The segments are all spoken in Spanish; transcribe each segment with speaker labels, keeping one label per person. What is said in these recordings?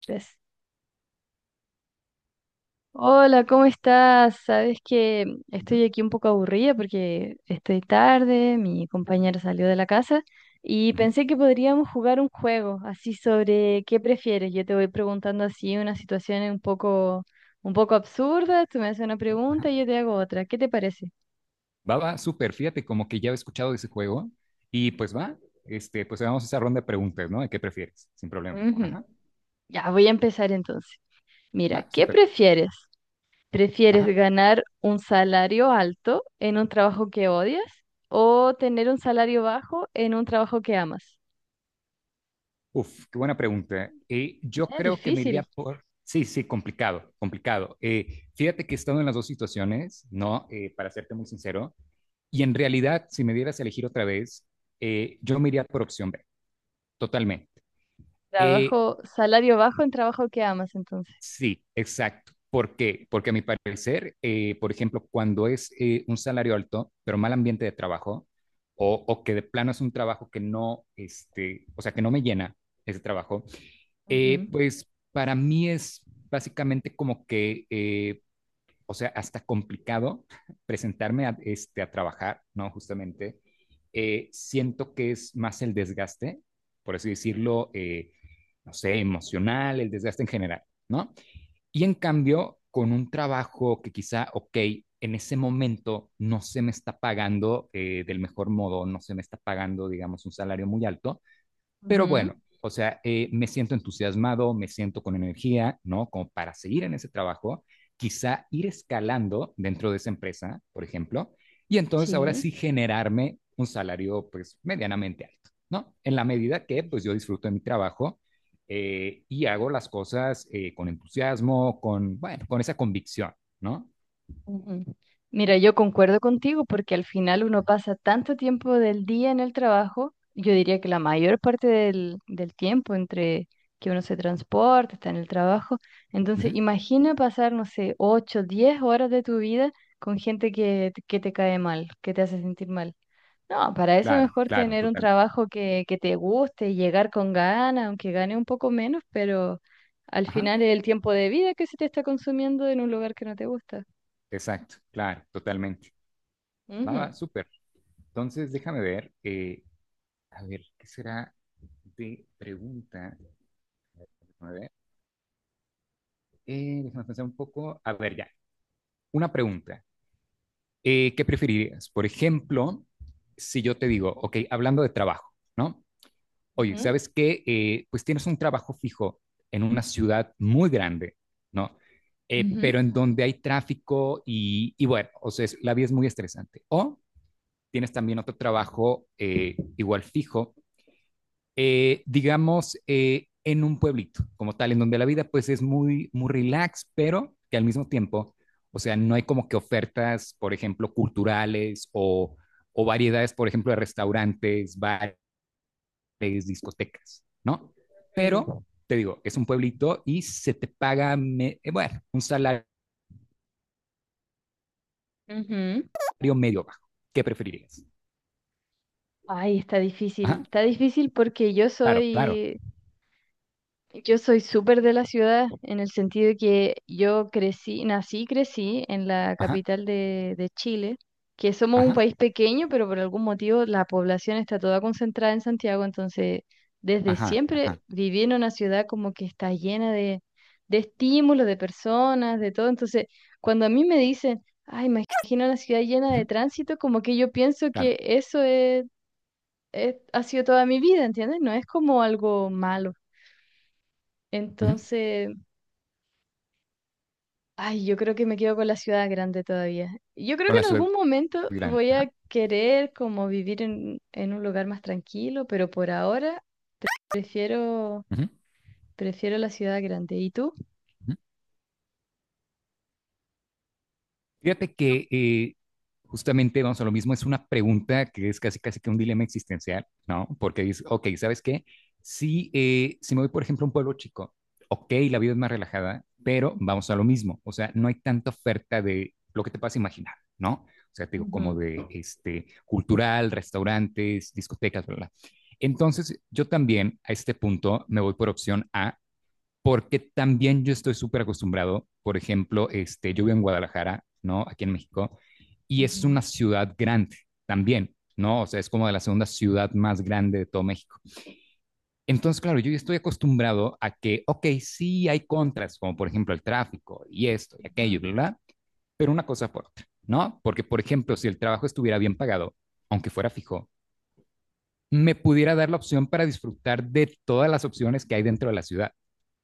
Speaker 1: Tres. Hola, ¿cómo estás? Sabes que
Speaker 2: Ujú,
Speaker 1: estoy aquí un poco aburrida porque estoy tarde, mi compañera salió de la casa y
Speaker 2: ujú,
Speaker 1: pensé que podríamos jugar un juego así sobre qué prefieres. Yo te voy preguntando así una situación un poco absurda, tú me haces una pregunta y
Speaker 2: ajá.
Speaker 1: yo te hago otra. ¿Qué te parece?
Speaker 2: Va, va, súper, fíjate, como que ya he escuchado de ese juego. Y pues va, este, pues hagamos esa ronda de preguntas, ¿no? ¿De qué prefieres? Sin problema.
Speaker 1: Ujú.
Speaker 2: Ajá,
Speaker 1: Ya, voy a empezar entonces. Mira,
Speaker 2: va,
Speaker 1: ¿qué
Speaker 2: súper.
Speaker 1: prefieres? ¿Prefieres
Speaker 2: Ajá.
Speaker 1: ganar un salario alto en un trabajo que odias o tener un salario bajo en un trabajo que amas?
Speaker 2: Uf, qué buena pregunta. Yo
Speaker 1: Es
Speaker 2: creo que me iría
Speaker 1: difícil.
Speaker 2: por. Sí, sí, complicado, complicado. Fíjate que he estado en las dos situaciones, ¿no? Para serte muy sincero. Y en realidad, si me dieras a elegir otra vez, yo me iría por opción B, totalmente. Eh,
Speaker 1: Trabajo, salario bajo en trabajo que amas, entonces.
Speaker 2: Sí, exacto. ¿Por qué? Porque a mi parecer, por ejemplo, cuando es un salario alto, pero mal ambiente de trabajo, o que de plano es un trabajo que no, este, o sea, que no me llena ese trabajo,
Speaker 1: Ujú,
Speaker 2: pues para mí es básicamente como que, o sea, hasta complicado presentarme a, este, a trabajar, ¿no? Justamente, siento que es más el desgaste, por así decirlo, no sé, emocional, el desgaste en general, ¿no? Y en cambio, con un trabajo que quizá, ok, en ese momento no se me está pagando del mejor modo, no se me está pagando, digamos, un salario muy alto, pero bueno,
Speaker 1: ujú.
Speaker 2: o sea, me siento entusiasmado, me siento con energía, ¿no? Como para seguir en ese trabajo, quizá ir escalando dentro de esa empresa, por ejemplo, y entonces ahora
Speaker 1: Sí.
Speaker 2: sí generarme un salario pues medianamente alto, ¿no? En la medida que pues yo disfruto de mi trabajo y hago las cosas con entusiasmo, con, bueno, con esa convicción, ¿no?
Speaker 1: Ujú. Mira, yo concuerdo contigo porque al final uno pasa tanto tiempo del día en el trabajo, yo diría que la mayor parte del tiempo entre que uno se transporta, está en el trabajo. Entonces,
Speaker 2: Ujú.
Speaker 1: imagina pasar, no sé, 8 10 horas de tu vida con gente que te cae mal, que te hace sentir mal. No, para eso es
Speaker 2: Claro,
Speaker 1: mejor
Speaker 2: claro,
Speaker 1: tener un
Speaker 2: totalmente.
Speaker 1: trabajo que te guste y llegar con ganas, aunque gane un poco menos, pero al
Speaker 2: Ajá,
Speaker 1: final es el tiempo de vida que se te está consumiendo en un lugar que no te gusta.
Speaker 2: exacto, claro, totalmente. Va,
Speaker 1: Ujú.
Speaker 2: va, súper. Entonces, déjame ver. A ver, ¿qué será de pregunta? A ver, déjame pensar un poco. A ver, ya. Una pregunta. ¿Qué preferirías? Por ejemplo, si yo te digo, ok, hablando de trabajo, ¿no? Oye,
Speaker 1: Ujú,
Speaker 2: ¿sabes qué? Pues tienes un trabajo fijo en una ciudad muy grande, ¿no?
Speaker 1: ujú.
Speaker 2: Pero en donde hay tráfico y bueno, o sea, es- la vida es muy estresante. O tienes también otro trabajo igual fijo digamos, en un pueblito como tal, en donde la vida pues es muy, muy relax, pero que al mismo tiempo, o sea, no hay como que ofertas, por ejemplo, culturales o variedades, por ejemplo, de restaurantes, bares, discotecas, ¿no?
Speaker 1: Mm,
Speaker 2: Pero, te digo, es un pueblito y se te paga, me- bueno, un salario
Speaker 1: ujú.
Speaker 2: medio bajo. ¿Qué preferirías?
Speaker 1: Ay, está
Speaker 2: Ajá,
Speaker 1: difícil. Está difícil porque yo
Speaker 2: claro, claro.
Speaker 1: soy, Yo soy súper de la ciudad en el sentido de que yo crecí, nací y crecí en la
Speaker 2: Ajá,
Speaker 1: capital de Chile, que somos un
Speaker 2: ajá,
Speaker 1: país pequeño, pero por algún motivo la población está toda concentrada en Santiago, entonces desde
Speaker 2: ajá,
Speaker 1: siempre
Speaker 2: ajá.
Speaker 1: viví en una ciudad como que está llena de estímulos, de personas, de todo. Entonces, cuando a mí me dicen, ay, imagino una ciudad llena
Speaker 2: Ujú,
Speaker 1: de tránsito, como que yo pienso
Speaker 2: claro.
Speaker 1: que eso es, ha sido toda mi vida, ¿entiendes? No es como algo malo.
Speaker 2: Ujú,
Speaker 1: Entonces... Ay, yo creo que me quedo con la ciudad grande todavía. Yo creo que en
Speaker 2: con la
Speaker 1: algún
Speaker 2: ciudad
Speaker 1: momento voy
Speaker 2: grande.
Speaker 1: a
Speaker 2: Ajá,
Speaker 1: querer como vivir en un lugar más tranquilo, pero por ahora prefiero,
Speaker 2: ujú,
Speaker 1: prefiero la ciudad grande. ¿Y tú?
Speaker 2: ujú. Fíjate que justamente vamos a lo mismo, es una pregunta que es casi casi que un dilema existencial, ¿no? Porque dices, ok, ¿sabes qué? Si, si me voy, por ejemplo, a un pueblo chico, ok, la vida es más relajada, pero vamos a lo mismo, o sea, no hay tanta oferta de lo que te puedas imaginar, ¿no? O sea, te digo, como
Speaker 1: Ujú,
Speaker 2: de este, cultural, restaurantes, discotecas, bla, bla. Entonces, yo también a este punto me voy por opción A, porque también yo estoy súper acostumbrado, por ejemplo, este, yo vivo en Guadalajara, ¿no? Aquí en México, y es una ciudad grande también, ¿no? O sea, es como de la segunda ciudad más grande de todo México. Entonces, claro, yo estoy acostumbrado a que, ok, sí hay contras, como por ejemplo el tráfico y esto y aquello, ¿verdad? Pero una cosa por otra, ¿no? Porque, por ejemplo, si el trabajo estuviera bien pagado, aunque fuera fijo, me pudiera dar la opción para disfrutar de todas las opciones que hay dentro de la ciudad.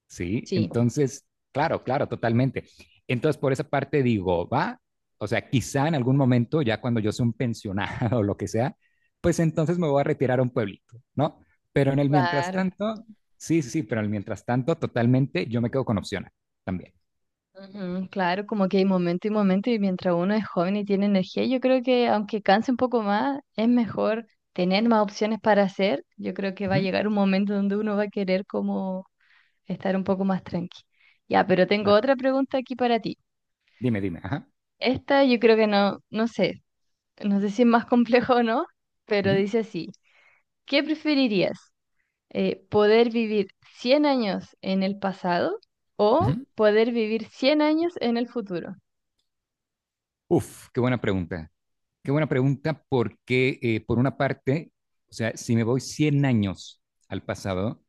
Speaker 2: Sí,
Speaker 1: sí.
Speaker 2: entonces, claro, claro, totalmente. Entonces, por esa parte digo, va, o sea, quizá en algún momento, ya cuando yo sea un pensionado o lo que sea, pues entonces me voy a retirar a un pueblito, ¿no? Pero en el mientras
Speaker 1: Claro.
Speaker 2: tanto, sí, sí, sí, pero en el mientras tanto, totalmente, yo me quedo con opciones también.
Speaker 1: Ujú, claro, como que hay momento y momento y mientras uno es joven y tiene energía, yo creo que aunque canse un poco más, es mejor tener más opciones para hacer. Yo creo que va a
Speaker 2: Ujú,
Speaker 1: llegar un momento donde uno va a querer como estar un poco más tranqui. Ya, pero tengo
Speaker 2: claro.
Speaker 1: otra pregunta aquí para ti.
Speaker 2: Dime, dime, ajá.
Speaker 1: Esta yo creo que no, no sé si es más complejo o no, pero
Speaker 2: Ujú,
Speaker 1: dice así, ¿qué preferirías? ¿Poder vivir 100 años en el pasado o
Speaker 2: ujú.
Speaker 1: poder vivir 100 años en el futuro?
Speaker 2: Uf, qué buena pregunta. Qué buena pregunta porque, por una parte, o sea, si me voy 100 años al pasado,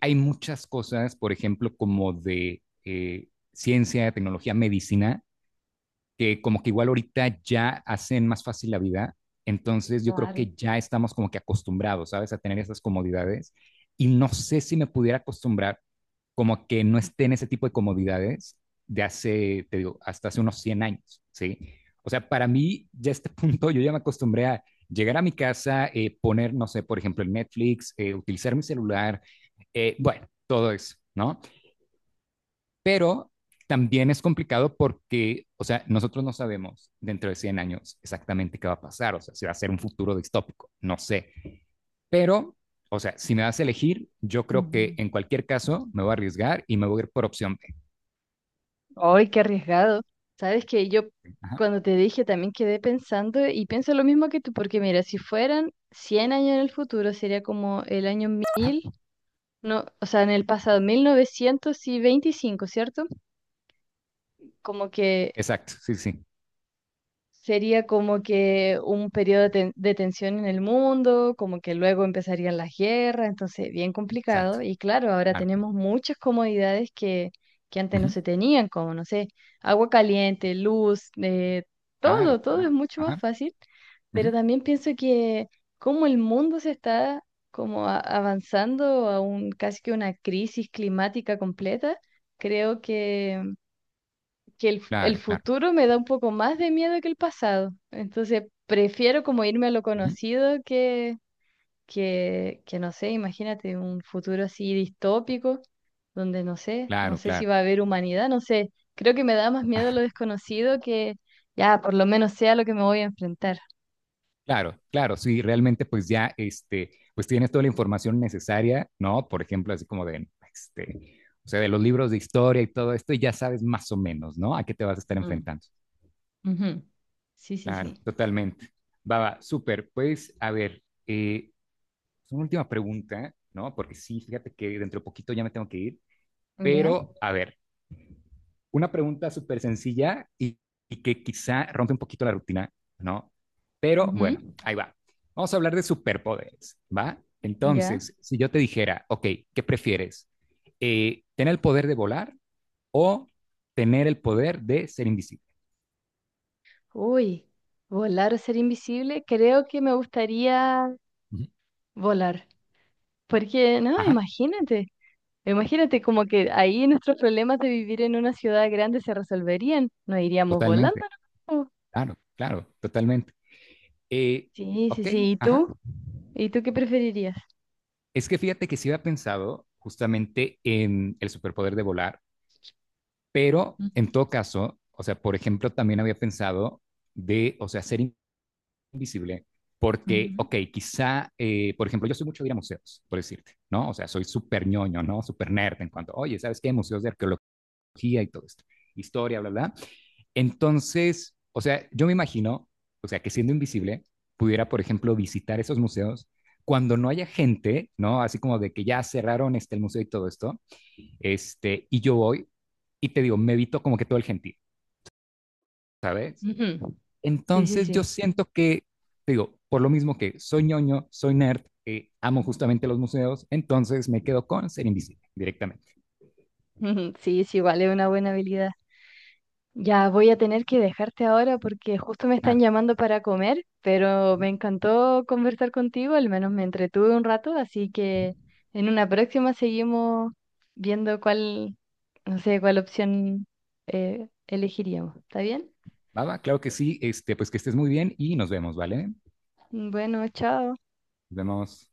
Speaker 2: hay muchas cosas, por ejemplo, como de ciencia, tecnología, medicina, que como que igual ahorita ya hacen más fácil la vida, entonces yo creo
Speaker 1: Claro.
Speaker 2: que ya estamos como que acostumbrados, ¿sabes? A tener esas comodidades y no sé si me pudiera acostumbrar como que no esté en ese tipo de comodidades de hace, te digo, hasta hace unos 100 años, ¿sí? O sea, para mí ya a este punto yo ya me acostumbré a llegar a mi casa, poner, no sé, por ejemplo, el Netflix, utilizar mi celular, bueno, todo eso, ¿no? Pero también es complicado porque, o sea, nosotros no sabemos dentro de 100 años exactamente qué va a pasar, o sea, si va a ser un futuro distópico, no sé. Pero, o sea, si me das a elegir, yo creo que
Speaker 1: Mm.
Speaker 2: en cualquier caso me voy a arriesgar y me voy a ir por opción B.
Speaker 1: ¡Ay, qué arriesgado! Sabes que yo
Speaker 2: Ajá,
Speaker 1: cuando te dije también quedé pensando y pienso lo mismo que tú, porque mira, si fueran 100 años en el futuro sería como el año,
Speaker 2: ajá.
Speaker 1: no, o sea, en el pasado, 1925, ¿cierto? Como que
Speaker 2: Exacto, sí, sí,
Speaker 1: sería como que un periodo de tensión en el mundo, como que luego empezarían las guerras, entonces bien
Speaker 2: exacto.
Speaker 1: complicado. Y claro, ahora
Speaker 2: Claro,
Speaker 1: tenemos muchas comodidades que antes no
Speaker 2: ujú,
Speaker 1: se tenían, como, no sé, agua caliente, luz,
Speaker 2: claro,
Speaker 1: todo, todo es
Speaker 2: claro.
Speaker 1: mucho más
Speaker 2: Ajá,
Speaker 1: fácil. Pero
Speaker 2: ujú,
Speaker 1: también pienso que como el mundo se está como avanzando a un, casi que una crisis climática completa, creo que el
Speaker 2: claro, claro.
Speaker 1: futuro me da un poco más de miedo que el pasado. Entonces, prefiero como irme a lo
Speaker 2: Ujú,
Speaker 1: conocido que, que no sé, imagínate un futuro así distópico, donde no sé, no
Speaker 2: claro,
Speaker 1: sé si
Speaker 2: claro.
Speaker 1: va a haber humanidad, no sé. Creo que me da más miedo
Speaker 2: Ah,
Speaker 1: lo desconocido que ya por lo menos sea lo que me voy a enfrentar.
Speaker 2: claro, claro, sí, realmente pues ya, este, pues tienes toda la información necesaria, ¿no? Por ejemplo, así como de, este, o sea, de los libros de historia y todo esto, y ya sabes más o menos, ¿no? A qué te vas a estar
Speaker 1: Mm,
Speaker 2: enfrentando.
Speaker 1: ujú. Sí, sí,
Speaker 2: Claro,
Speaker 1: sí.
Speaker 2: totalmente. Baba, súper. Pues, a ver, una última pregunta, ¿no? Porque sí, fíjate que dentro de poquito ya me tengo que ir,
Speaker 1: Ya.
Speaker 2: pero, a ver, una pregunta súper sencilla y que quizá rompe un poquito la rutina, ¿no? Pero
Speaker 1: Ujú.
Speaker 2: bueno, ahí va. Vamos a hablar de superpoderes, ¿va?
Speaker 1: Ya.
Speaker 2: Entonces, si yo te dijera, ok, ¿qué prefieres? ¿Tener el poder de volar o tener el poder de ser invisible?
Speaker 1: Uy, volar o ser invisible, creo que me gustaría
Speaker 2: Ujú.
Speaker 1: volar. Porque, no,
Speaker 2: Ajá,
Speaker 1: imagínate, imagínate como que ahí nuestros problemas de vivir en una ciudad grande se resolverían, nos iríamos volando,
Speaker 2: totalmente,
Speaker 1: ¿no?
Speaker 2: claro, claro, totalmente. Eh,
Speaker 1: Sí, sí,
Speaker 2: ok,
Speaker 1: sí, ¿y
Speaker 2: ajá.
Speaker 1: tú? ¿Y tú qué preferirías?
Speaker 2: Es que fíjate que sí había pensado justamente en el superpoder de volar, pero
Speaker 1: Ujú,
Speaker 2: en todo caso, o sea, por ejemplo, también había pensado de, o sea, ser invisible, porque, ok, quizá, por ejemplo, yo soy mucho de ir a museos, por decirte, ¿no? O sea, soy súper ñoño, ¿no? Súper nerd en cuanto, oye, ¿sabes qué? Museos de arqueología y todo esto, historia, bla, bla. Entonces, o sea, yo me imagino, o sea, que siendo invisible, pudiera, por ejemplo, visitar esos museos cuando no haya gente, ¿no? Así como de que ya cerraron este, el museo y todo esto, este, y yo voy y te digo, me evito como que todo el gentío, ¿sabes?
Speaker 1: ujú, ujú. Sí, sí,
Speaker 2: Entonces yo
Speaker 1: sí.
Speaker 2: siento que, te digo, por lo mismo que soy ñoño, soy nerd, amo justamente los museos, entonces me quedo con ser invisible directamente.
Speaker 1: Sí, sí, igual es una buena habilidad. Ya voy a tener que dejarte ahora porque justo me están
Speaker 2: Claro.
Speaker 1: llamando para comer, pero me
Speaker 2: Ujú,
Speaker 1: encantó conversar contigo, al menos me entretuve un rato, así
Speaker 2: ujú.
Speaker 1: que en una próxima seguimos viendo cuál, no sé, cuál opción elegiríamos. ¿Está bien?
Speaker 2: Baba, claro que sí, este, pues que estés muy bien y nos vemos, ¿vale?
Speaker 1: Bueno, chao.
Speaker 2: Nos vemos.